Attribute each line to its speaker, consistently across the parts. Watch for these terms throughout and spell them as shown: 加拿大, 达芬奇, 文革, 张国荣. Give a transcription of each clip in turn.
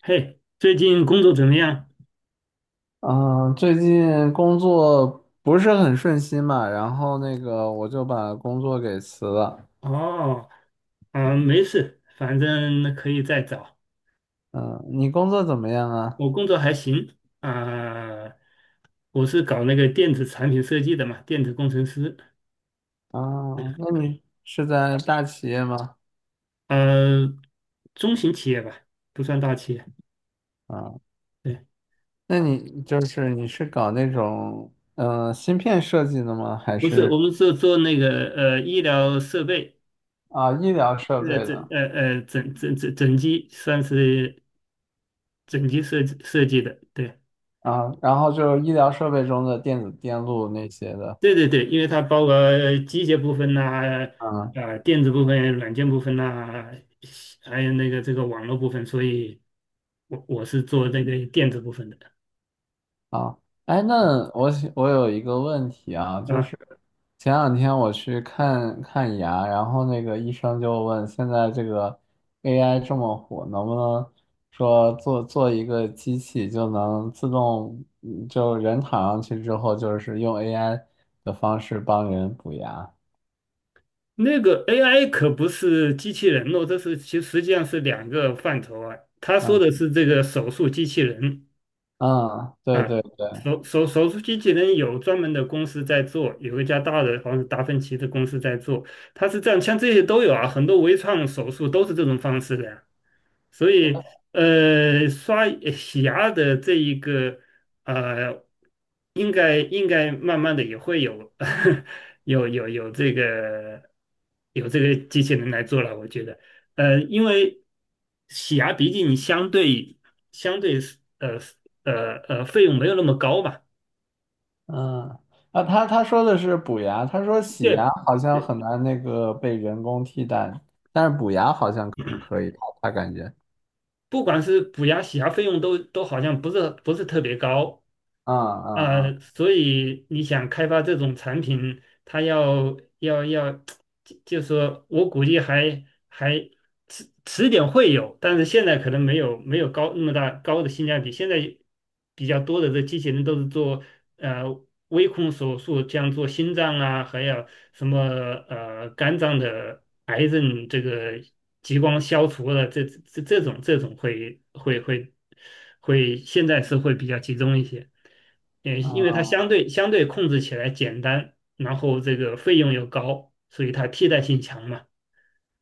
Speaker 1: 嘿，最近工作怎么样？
Speaker 2: 嗯，最近工作不是很顺心嘛，然后那个我就把工作给辞了。
Speaker 1: 哦，啊，没事，反正可以再找。
Speaker 2: 嗯，你工作怎么样啊？
Speaker 1: 我工作还行啊，我是搞那个电子产品设计的嘛，电子工程师。
Speaker 2: 啊，那你是在大企业吗？
Speaker 1: 呃，中型企业吧，不算大企业。
Speaker 2: 啊，
Speaker 1: 对，
Speaker 2: 那你是搞那种芯片设计的吗？还
Speaker 1: 不是，
Speaker 2: 是
Speaker 1: 我们是做那个医疗设备，
Speaker 2: 啊医疗设备
Speaker 1: 呃整
Speaker 2: 的？
Speaker 1: 呃呃整整整整机，算是整机设计的。对，
Speaker 2: 啊，然后就是医疗设备中的电子电路那些的。
Speaker 1: 对对对，因为它包括机械部分呐、
Speaker 2: 啊
Speaker 1: 啊，电子部分、软件部分呐、还有那个这个网络部分，所以我是做那个电子部分的
Speaker 2: 啊，哎，那我想我有一个问题啊，就
Speaker 1: 啊。
Speaker 2: 是前两天我去看看牙，然后那个医生就问，现在这个 AI 这么火，能不能说做做一个机器就能自动，就人躺上去之后，就是用 AI 的方式帮人补牙？
Speaker 1: 那个 AI 可不是机器人哦，这是其实实际上是两个范畴啊。他说的
Speaker 2: 嗯
Speaker 1: 是这个手术机器人，
Speaker 2: 嗯，对
Speaker 1: 啊，
Speaker 2: 对对。
Speaker 1: 手术机器人有专门的公司在做，有一家大的好像是达芬奇的公司在做，它是这样，像这些都有啊，很多微创手术都是这种方式的呀。所以，洗牙的这一个，呃，应该慢慢的也会有 有这个有这个机器人来做了，我觉得，因为洗牙毕竟相对相对是呃费用没有那么高嘛，
Speaker 2: 嗯，啊，他说的是补牙，他说洗牙
Speaker 1: 对，
Speaker 2: 好像
Speaker 1: 对
Speaker 2: 很难那个被人工替代，但是补牙好像可以，他感觉，
Speaker 1: 不管是补牙洗牙费用都好像不是特别高，
Speaker 2: 嗯嗯
Speaker 1: 所以你想开发这种产品，它要，就说我估计还迟点会有，但是现在可能没有那么高的性价比。现在比较多的这机器人都是做呃微控手术，像做心脏啊，还有什么肝脏的癌症这个激光消除了，这这这种这种会会会会，现在是会比较集中一些。也因
Speaker 2: 嗯
Speaker 1: 为它
Speaker 2: 嗯
Speaker 1: 相对控制起来简单，然后这个费用又高，所以它替代性强嘛。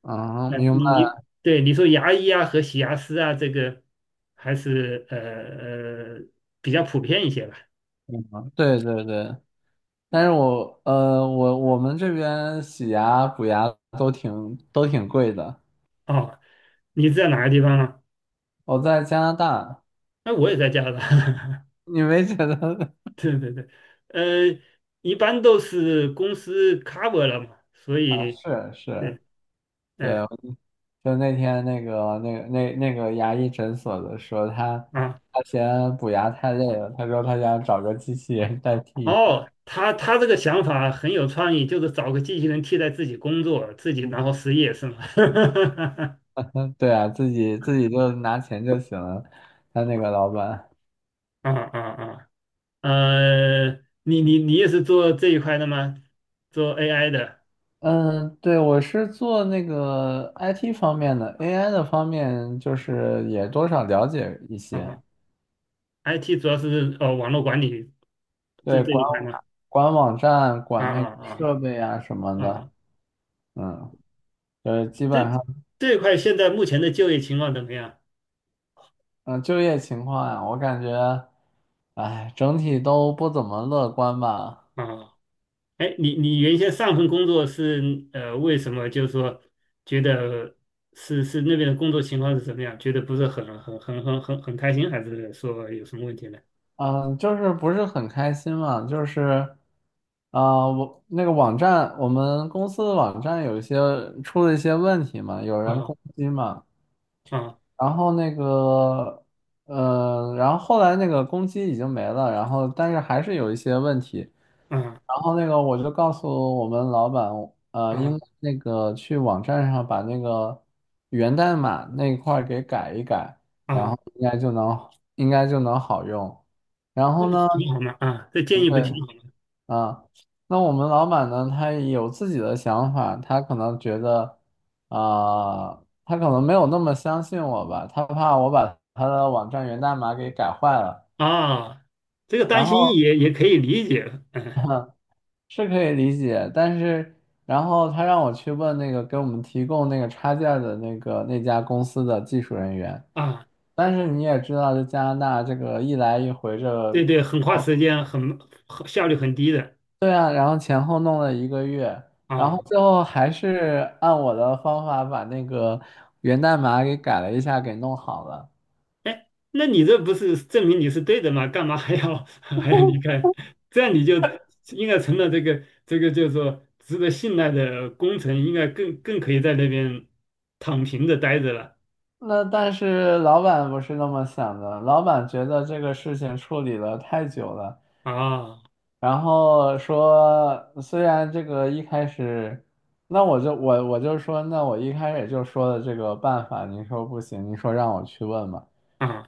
Speaker 2: 嗯，
Speaker 1: 那
Speaker 2: 明
Speaker 1: 你
Speaker 2: 白
Speaker 1: 你对你说牙医啊和洗牙师啊，这个还是呃比较普遍一些吧。
Speaker 2: 了，对对对，但是我们这边洗牙补牙都挺贵的，
Speaker 1: 哦，你在哪个地方啊？
Speaker 2: 我在加拿大，
Speaker 1: 那我也在加拿大。
Speaker 2: 你没觉得
Speaker 1: 对对对，呃，一般都是公司 cover 了嘛，所
Speaker 2: 啊？
Speaker 1: 以
Speaker 2: 是是，
Speaker 1: 对，
Speaker 2: 对，
Speaker 1: 嗯
Speaker 2: 就那天那个牙医诊所的说他
Speaker 1: 啊。
Speaker 2: 他嫌补牙太累了，他说他想找个机器人代替。一下。
Speaker 1: 哦，他这个想法很有创意，就是找个机器人替代自己工作，自己然后失业是吗？
Speaker 2: 嗯，对啊，自己自己就拿钱就行了。他那个老板，
Speaker 1: 啊啊啊！呃，你也是做这一块的吗？做 AI 的
Speaker 2: 嗯，对，我是做那个 IT 方面的，AI 的方面就是也多少了解一些。
Speaker 1: 啊，IT 主要是网络管理这
Speaker 2: 对，
Speaker 1: 这
Speaker 2: 管
Speaker 1: 一块吗？
Speaker 2: 管网站、
Speaker 1: 啊
Speaker 2: 管那个
Speaker 1: 啊
Speaker 2: 设备啊什么
Speaker 1: 啊
Speaker 2: 的，
Speaker 1: 啊！
Speaker 2: 嗯，就是基
Speaker 1: 这
Speaker 2: 本上。
Speaker 1: 这一块现在目前的就业情况怎么样？
Speaker 2: 嗯，就业情况呀，我感觉，哎，整体都不怎么乐观吧。
Speaker 1: 啊哎，你你原先上份工作是呃，为什么就是说觉得是那边的工作情况是怎么样？觉得不是很开心，还是说有什么问题呢？
Speaker 2: 嗯，就是不是很开心嘛，就是，啊、我那个网站，我们公司的网站有一些出了一些问题嘛，有人
Speaker 1: 啊
Speaker 2: 攻击嘛，
Speaker 1: 啊
Speaker 2: 然后那个，然后后来那个攻击已经没了，然后但是还是有一些问题，
Speaker 1: 啊
Speaker 2: 然后那个我就告诉我们老板，应
Speaker 1: 啊
Speaker 2: 该那个去网站上把那个源代码那一块儿给改一改，然
Speaker 1: 啊，
Speaker 2: 后应该就能好用。然
Speaker 1: 这
Speaker 2: 后
Speaker 1: 个
Speaker 2: 呢，
Speaker 1: 挺好嘛啊，这建议不
Speaker 2: 对
Speaker 1: 挺好吗？
Speaker 2: 啊，那我们老板呢，他有自己的想法，啊、他可能没有那么相信我吧，他怕我把他的网站源代码给改坏了。
Speaker 1: 啊，这个
Speaker 2: 然
Speaker 1: 担心
Speaker 2: 后
Speaker 1: 也可以理解，嗯
Speaker 2: 是可以理解，但是然后他让我去问那个给我们提供那个插件儿的那个那家公司的技术人员，
Speaker 1: 啊，
Speaker 2: 但是你也知道，这加拿大这个一来一回这
Speaker 1: 对
Speaker 2: 个
Speaker 1: 对，很花时间，很效率很低的
Speaker 2: 对啊，然后前后弄了一个月，然后
Speaker 1: 啊
Speaker 2: 最后还是按我的方法把那个源代码给改了一下，给弄好了。
Speaker 1: 哎，那你这不是证明你是对的吗？干嘛还要 还要离开？这样你就应该成了这个叫说值得信赖的工程，应该更可以在那边躺平着待着了
Speaker 2: 那但是老板不是那么想的，老板觉得这个事情处理了太久了。
Speaker 1: 啊
Speaker 2: 然后说，虽然这个一开始，那我就说，那我一开始就说的这个办法，您说不行，您说让我去问嘛，
Speaker 1: 啊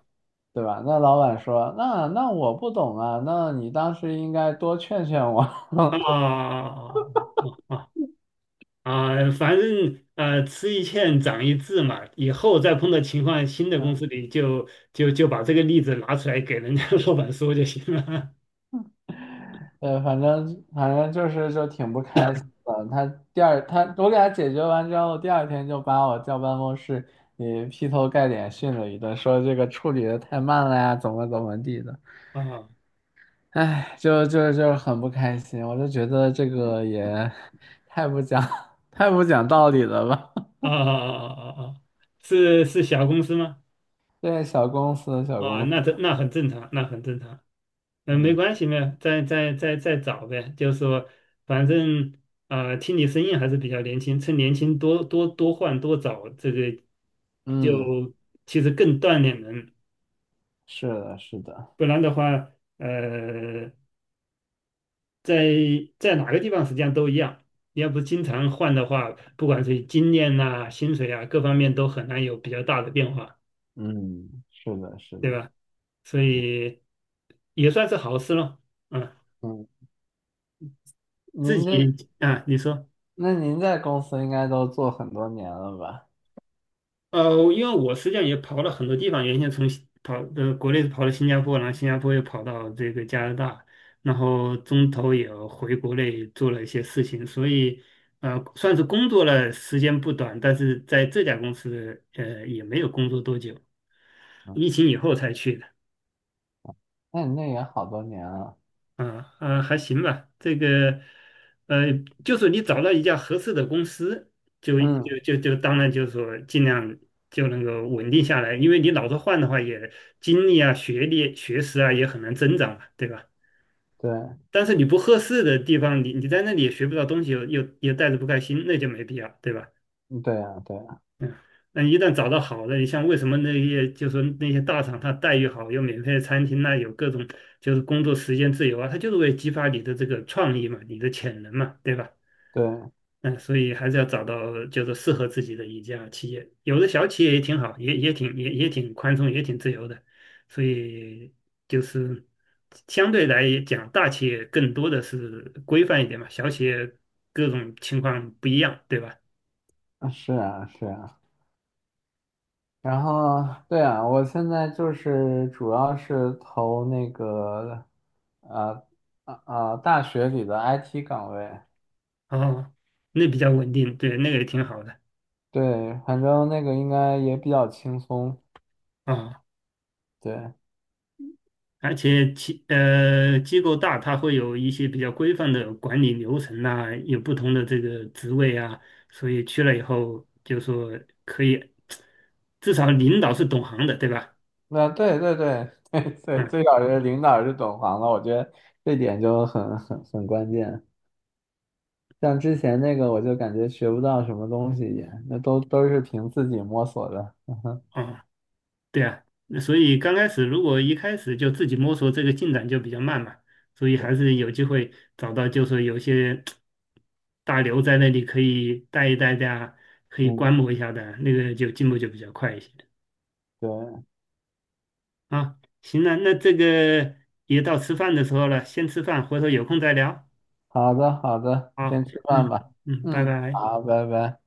Speaker 2: 对吧？那老板说，那我不懂啊，那你当时应该多劝劝我。
Speaker 1: 啊 啊啊！啊！反正呃，吃一堑长一智嘛，以后再碰到情况，新的公司里就把这个例子拿出来给人家 老板说就行了
Speaker 2: 对，反正就是就挺不开心的。他第二他我给他解决完之后，第二天就把我叫办公室，也劈头盖脸训了一顿，说这个处理的太慢了呀，怎么怎么地的。
Speaker 1: 啊
Speaker 2: 哎，就很不开心，我就觉得这个也太不讲 太不讲道理了吧？
Speaker 1: 啊啊啊啊！啊！是是小公司吗？
Speaker 2: 对，小公司，小
Speaker 1: 啊，
Speaker 2: 公司，
Speaker 1: 那这那很正常，那很正常，嗯，没
Speaker 2: 嗯
Speaker 1: 关系，没有，再找呗，就是说，反正啊、听你声音还是比较年轻，趁年轻多换多找，这个
Speaker 2: 嗯，
Speaker 1: 就其实更锻炼人，
Speaker 2: 是的，是的，
Speaker 1: 不然的话，呃，在在哪个地方实际上都一样，你要不经常换的话，不管是经验呐、薪水啊各方面都很难有比较大的变化，
Speaker 2: 嗯，是的，是的，
Speaker 1: 对吧？所以也算是好事了，嗯。
Speaker 2: 嗯，
Speaker 1: 自
Speaker 2: 您这
Speaker 1: 己啊，你说，
Speaker 2: 那您在公司应该都做很多年了吧？
Speaker 1: 因为我实际上也跑了很多地方，原先从新跑呃国内跑到新加坡，然后新加坡又跑到这个加拿大，然后中途也回国内做了一些事情，所以算是工作了时间不短，但是在这家公司也没有工作多久，
Speaker 2: 嗯，
Speaker 1: 疫情以后才去的。
Speaker 2: 那你那也好多年了，
Speaker 1: 啊啊，还行吧。这个，呃，就是你找到一家合适的公司，就
Speaker 2: 嗯，
Speaker 1: 就就就当然就是说尽量就能够稳定下来，因为你老是换的话，也精力啊、学历、学识啊也很难增长嘛，对吧？
Speaker 2: 对，
Speaker 1: 但是你不合适的地方，你在那里也学不到东西，又带着不开心，那就没必要，对吧？
Speaker 2: 嗯对啊，对啊，
Speaker 1: 嗯，那一旦找到好的，你像为什么那些就是说那些大厂，它待遇好，有免费的餐厅呐，有各种就是工作时间自由啊，它就是为激发你的这个创意嘛，你的潜能嘛，对吧？
Speaker 2: 对，
Speaker 1: 嗯，所以还是要找到就是适合自己的一家企业，有的小企业也挺好，也挺宽松，也挺自由的，所以就是相对来讲，大企业更多的是规范一点嘛，小企业各种情况不一样，对吧？
Speaker 2: 啊是啊，是啊。然后，对啊，我现在就是主要是投那个，呃，啊啊，大学里的 IT 岗位。
Speaker 1: 哦，那比较稳定，对，那个也挺好的
Speaker 2: 对，反正那个应该也比较轻松。
Speaker 1: 啊。
Speaker 2: 对，
Speaker 1: 而且机构大，它会有一些比较规范的管理流程呐、有不同的这个职位啊，所以去了以后就说可以，至少领导是懂行的，对吧？
Speaker 2: 那对对对 对对，
Speaker 1: 嗯，
Speaker 2: 最少是领导是懂行的，我觉得这点就很关键。像之前那个，我就感觉学不到什么东西也，那都是凭自己摸索的。
Speaker 1: 哦对啊，那所以刚开始如果一开始就自己摸索，这个进展就比较慢嘛，所以
Speaker 2: 对，
Speaker 1: 还是有机会找到，就是有些大牛在那里可以带一带的啊，可以
Speaker 2: 嗯，
Speaker 1: 观摩一下的啊，那个就进步就比较快一些
Speaker 2: 对，
Speaker 1: 啊。行了，那这个也到吃饭的时候了，先吃饭，回头有空再聊。
Speaker 2: 好的好的，
Speaker 1: 好，
Speaker 2: 先吃饭
Speaker 1: 嗯
Speaker 2: 吧。
Speaker 1: 嗯，拜
Speaker 2: 嗯，
Speaker 1: 拜。
Speaker 2: 好，拜拜。